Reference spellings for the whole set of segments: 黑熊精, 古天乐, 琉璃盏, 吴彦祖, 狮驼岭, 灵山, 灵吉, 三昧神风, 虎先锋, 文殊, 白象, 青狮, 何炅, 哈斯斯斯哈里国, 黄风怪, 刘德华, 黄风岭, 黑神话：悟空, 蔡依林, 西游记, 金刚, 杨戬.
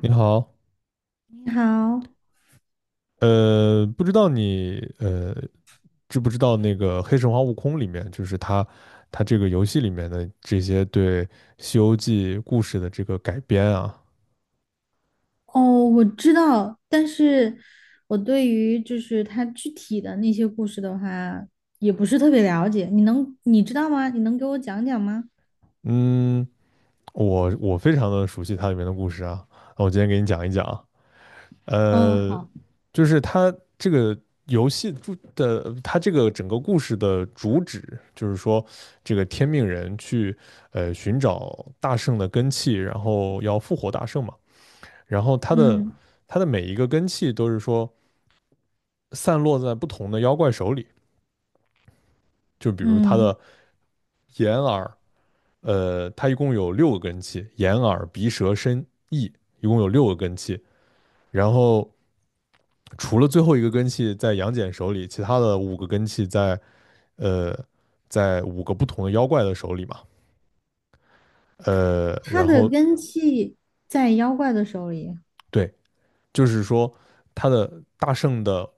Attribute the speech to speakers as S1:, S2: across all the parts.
S1: 你好，
S2: 你好，
S1: 不知道你知不知道那个《黑神话：悟空》里面，就是它这个游戏里面的这些对《西游记》故事的这个改编啊。
S2: 哦，我知道，但是我对于就是它具体的那些故事的话，也不是特别了解。你知道吗？你能给我讲讲吗？
S1: 嗯，我非常的熟悉它里面的故事啊，那我今天给你讲一讲啊。
S2: 嗯，
S1: 呃，
S2: 好，
S1: 就是它这个游戏主的，它这个整个故事的主旨就是说，这个天命人去寻找大圣的根器，然后要复活大圣嘛。然后它的
S2: 嗯
S1: 它的每一个根器都是说散落在不同的妖怪手里，就比如它
S2: 嗯，
S1: 的眼耳。它一共有六个根器，眼耳鼻舌身意，一共有六个根器。然后除了最后一个根器在杨戬手里，其他的五个根器在呃在五个不同的妖怪的手里嘛。
S2: 它
S1: 然
S2: 的
S1: 后
S2: 根系在妖怪的手里。
S1: 对，就是说他的大圣的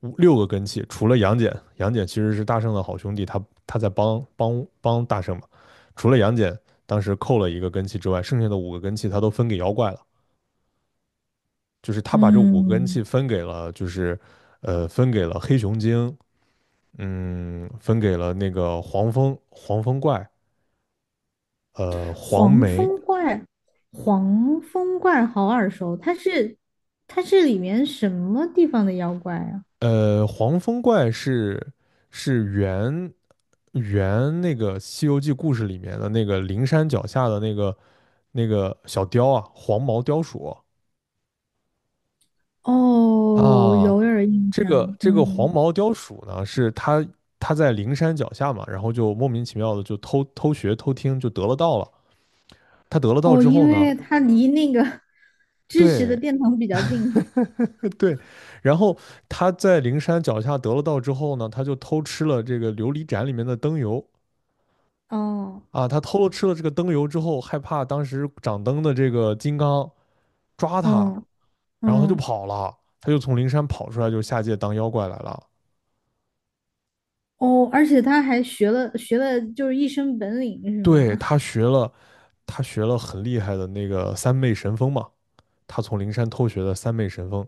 S1: 五六个根器，除了杨戬，杨戬其实是大圣的好兄弟，他在帮大圣嘛。除了杨戬当时扣了一个根器之外，剩下的五个根器他都分给妖怪了，就是他把这五个根
S2: 嗯，
S1: 器分给了，就是分给了黑熊精。嗯，分给了那个黄蜂怪，呃黄
S2: 黄
S1: 眉
S2: 风怪，黄风怪好耳熟，它是里面什么地方的妖怪啊？
S1: 黄风怪是原那个《西游记》故事里面的那个灵山脚下的那个小雕啊，黄毛雕鼠
S2: 哦，我
S1: 啊。
S2: 有点儿印
S1: 这个
S2: 象，
S1: 这个黄
S2: 嗯。
S1: 毛雕鼠呢，是它在灵山脚下嘛，然后就莫名其妙的就偷偷学偷听，就得了道了。他得了道
S2: 哦，
S1: 之后
S2: 因
S1: 呢，
S2: 为他离那个 知识的
S1: 对
S2: 殿堂比较近。
S1: 对，然后他在灵山脚下得了道之后呢，他就偷吃了这个琉璃盏里面的灯油。
S2: 哦，
S1: 啊，他偷了吃了这个灯油之后，害怕当时掌灯的这个金刚抓他，
S2: 嗯
S1: 然后他就
S2: 嗯，
S1: 跑了，他就从灵山跑出来，就下界当妖怪来了。
S2: 哦，而且他还学了，就是一身本领是吗？
S1: 对，他学了很厉害的那个三昧神风嘛，他从灵山偷学的三昧神风。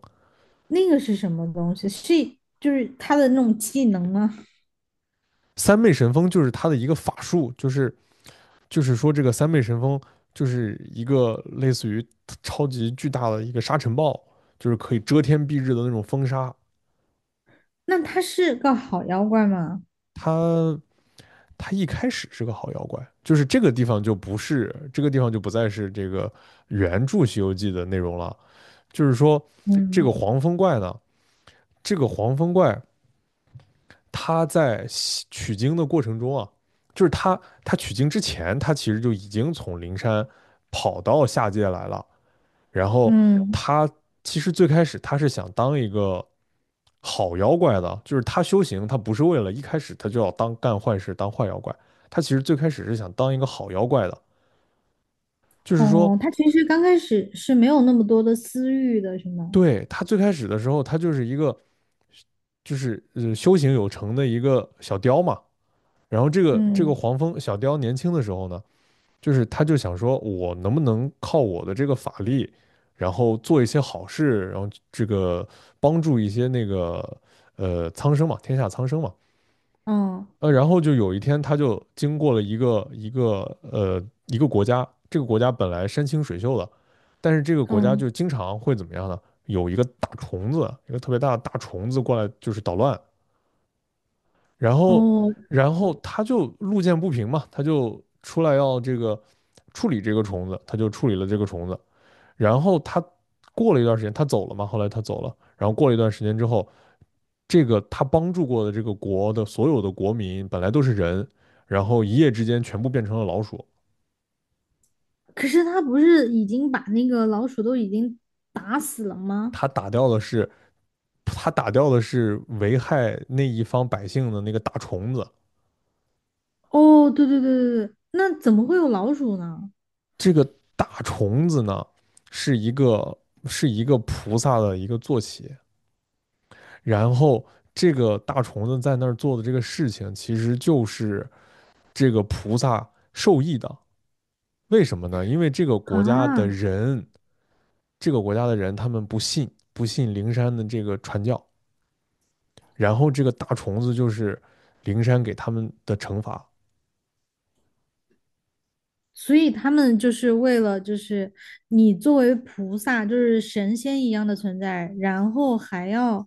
S2: 那个是什么东西？是就是他的那种技能吗？
S1: 三昧神风就是他的一个法术，就是说这个三昧神风就是一个类似于超级巨大的一个沙尘暴，就是可以遮天蔽日的那种风沙。
S2: 那他是个好妖怪吗？
S1: 他。他一开始是个好妖怪，就是这个地方就不再是这个原著《西游记》的内容了。就是说，这个
S2: 嗯
S1: 黄风怪呢，这个黄风怪他在取经的过程中啊，就是他取经之前，他其实就已经从灵山跑到下界来了。然后
S2: 嗯，
S1: 他其实最开始他是想当一个好妖怪的，就是他修行，他不是为了一开始他就要当干坏事当坏妖怪，他其实最开始是想当一个好妖怪的，就是说，
S2: 哦，他其实刚开始是没有那么多的私欲的，是吗？
S1: 对，他最开始的时候他就是一个就是修行有成的一个小雕嘛。然后这个
S2: 嗯
S1: 黄蜂小雕年轻的时候呢，就是他就想说，我能不能靠我的这个法力，然后做一些好事，然后这个帮助一些那个苍生嘛，天下苍生嘛。
S2: 嗯
S1: 然后就有一天，他就经过了一个国家，这个国家本来山清水秀的，但是这个国家
S2: 嗯，
S1: 就经常会怎么样呢？有一个大虫子，一个特别大的大虫子过来，就是捣乱。然后，
S2: 哦，
S1: 然后他就路见不平嘛，他就出来要这个处理这个虫子，他就处理了这个虫子。然后他过了一段时间，他走了嘛，后来他走了。然后过了一段时间之后，这个他帮助过的这个国的所有的国民本来都是人，然后一夜之间全部变成了老鼠。
S2: 可是他不是已经把那个老鼠都已经打死了吗？
S1: 他打掉的是，他打掉的是危害那一方百姓的那个大虫子。
S2: 哦，对对对对对，那怎么会有老鼠呢？
S1: 这个大虫子呢，是一个是一个菩萨的一个坐骑，然后这个大虫子在那儿做的这个事情，其实就是这个菩萨受益的。为什么呢？因为
S2: 啊，
S1: 这个国家的人他们不信灵山的这个传教，然后这个大虫子就是灵山给他们的惩罚。
S2: 所以他们就是为了，就是你作为菩萨，就是神仙一样的存在，然后还要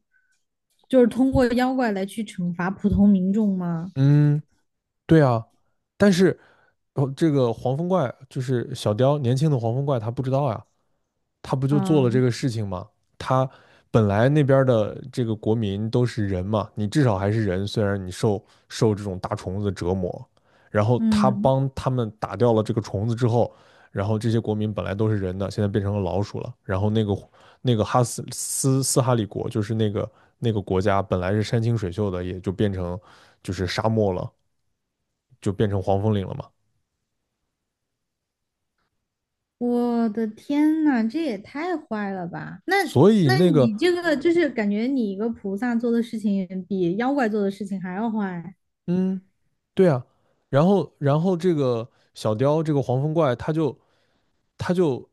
S2: 就是通过妖怪来去惩罚普通民众吗？
S1: 嗯，对啊，但是哦，这个黄风怪就是小雕，年轻的黄风怪他不知道呀。他不就做
S2: 啊，
S1: 了这个事情吗？他本来那边的这个国民都是人嘛，你至少还是人，虽然你受这种大虫子折磨，然后他
S2: 嗯，
S1: 帮他们打掉了这个虫子之后，然后这些国民本来都是人的，现在变成了老鼠了。然后那个哈斯斯斯哈里国，就是那个国家本来是山清水秀的，也就变成就是沙漠了，就变成黄风岭了嘛。
S2: 我的天呐，这也太坏了吧！那
S1: 所以
S2: 那
S1: 那个
S2: 你这个就是感觉你一个菩萨做的事情比妖怪做的事情还要坏。
S1: 嗯，对啊。然后这个小雕这个黄风怪，他就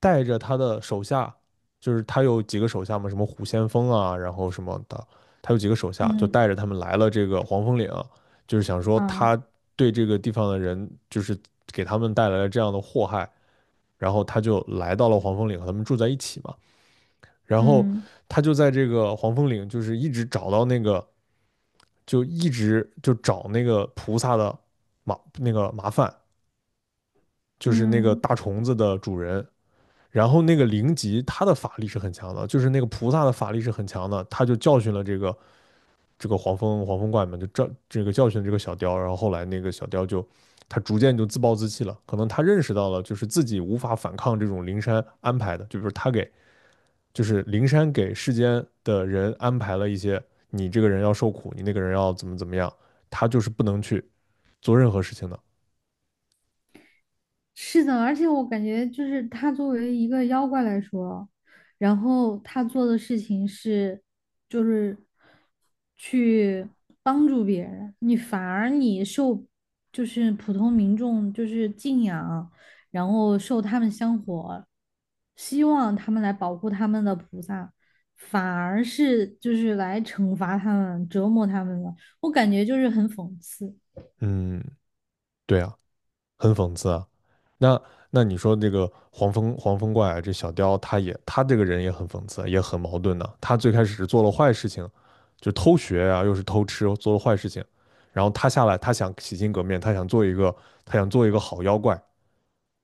S1: 带着他的手下，就是他有几个手下嘛，什么虎先锋啊，然后什么的，他有几个手下，就
S2: 嗯
S1: 带着他们来了这个黄风岭，就是想说
S2: 啊，
S1: 他对这个地方的人，就是给他们带来了这样的祸害。然后他就来到了黄风岭和他们住在一起嘛，然后
S2: 嗯
S1: 他就在这个黄风岭，就是一直找到那个。就一直就找那个菩萨的麻烦，就是那个
S2: 嗯。
S1: 大虫子的主人。然后那个灵吉他的法力是很强的，就是那个菩萨的法力是很强的，他就教训了这个黄风怪们，就这个教训这个小雕。然后后来那个小雕他逐渐就自暴自弃了，可能他认识到了就是自己无法反抗这种灵山安排的，就比如就是灵山给世间的人安排了一些，你这个人要受苦，你那个人要怎么怎么样，他就是不能去做任何事情的。
S2: 是的，而且我感觉就是他作为一个妖怪来说，然后他做的事情是，就是去帮助别人，你反而你受就是普通民众就是敬仰，然后受他们香火，希望他们来保护他们的菩萨，反而是就是来惩罚他们、折磨他们了。我感觉就是很讽刺，
S1: 嗯，对啊，很讽刺啊。那那你说这个黄风怪啊，这小雕他这个人也很讽刺，也很矛盾的啊、他最开始是做了坏事情，就偷学啊，又是偷吃，做了坏事情。然后他下来，他想洗心革面，他想做一个好妖怪，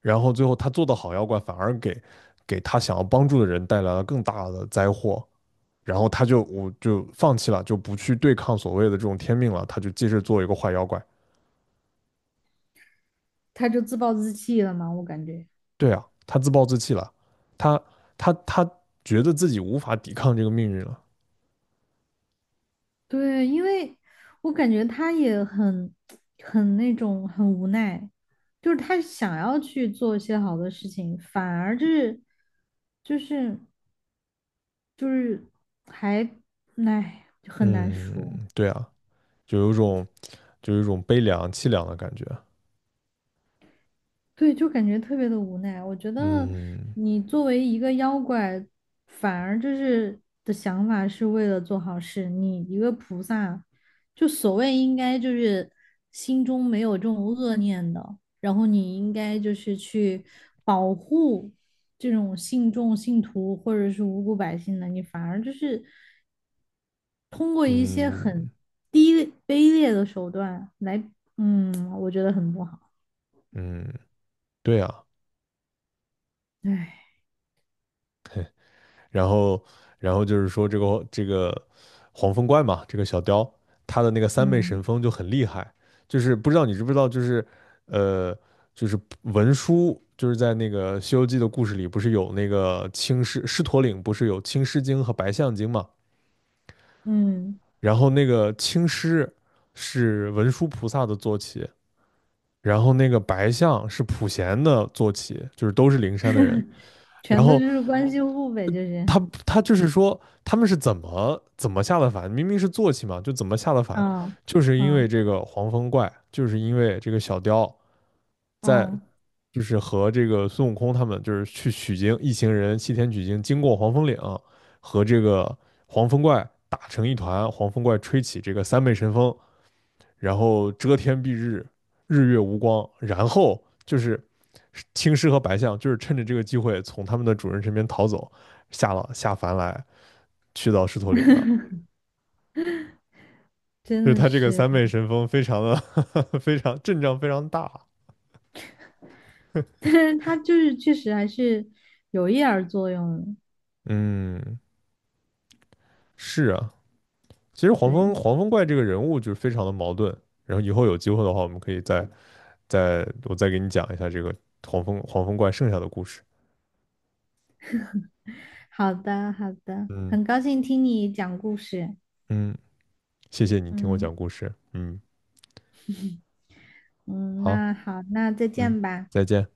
S1: 然后最后他做的好妖怪反而给他想要帮助的人带来了更大的灾祸，然后我就放弃了，就不去对抗所谓的这种天命了，他就接着做一个坏妖怪。
S2: 他就自暴自弃了嘛，我感觉。
S1: 对啊，他自暴自弃了，他他觉得自己无法抵抗这个命运了。
S2: 对，因为我感觉他也很那种很无奈，就是他想要去做一些好的事情，反而就是就是还唉就很难
S1: 嗯，
S2: 说。
S1: 对啊，就有一种悲凉凄凉的感觉。
S2: 对，就感觉特别的无奈。我觉得
S1: 嗯
S2: 你作为一个妖怪，反而就是的想法是为了做好事。你一个菩萨，就所谓应该就是心中没有这种恶念的，然后你应该就是去保护这种信众、信徒或者是无辜百姓的，你反而就是通过一些
S1: 嗯
S2: 很低卑劣的手段来，嗯，我觉得很不好。
S1: 嗯，对啊，
S2: 唉，
S1: 然后，然后就是说这个这个黄风怪嘛，这个小雕，他的那个三昧神
S2: 嗯。
S1: 风就很厉害，就是不知道你知不知道，就是呃，就是文殊，就是在那个《西游记》的故事里，不是有那个青狮狮驼岭，不是有青狮精和白象精嘛？
S2: 嗯，
S1: 然后那个青狮是文殊菩萨的坐骑，然后那个白象是普贤的坐骑，就是都是灵山的人。然
S2: 全都就
S1: 后
S2: 是关系户呗，就是，
S1: 他他就是说他们是怎么怎么下的凡，明明是坐骑嘛，就怎么下的凡，
S2: 嗯
S1: 就是因为
S2: 嗯
S1: 这个黄风怪，就是因为这个小雕在
S2: 嗯，
S1: 就是和这个孙悟空他们就是去取经，一行人西天取经，经过黄风岭和这个黄风怪打成一团，黄风怪吹起这个三昧神风，然后遮天蔽日，日月无光，然后就是青狮和白象就是趁着这个机会从他们的主人身边逃走。下凡来，去到狮驼岭的，就
S2: 真
S1: 是
S2: 的
S1: 他这个
S2: 是，
S1: 三昧 神风非常的呵呵 非常阵仗非常大。
S2: 但是他就是确实还是有一点儿作用的。
S1: 嗯，是啊，其实黄风
S2: 对，
S1: 黄风怪这个人物就是非常的矛盾。然后以后有机会的话，我们可以我再给你讲一下这个黄风怪剩下的故事。
S2: 好的好的，
S1: 嗯
S2: 很高兴听你讲故事，
S1: 嗯，谢谢你听我
S2: 嗯
S1: 讲故事。嗯，
S2: 嗯，
S1: 好，
S2: 那好，那再
S1: 嗯，
S2: 见吧，
S1: 再见。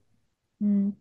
S2: 嗯。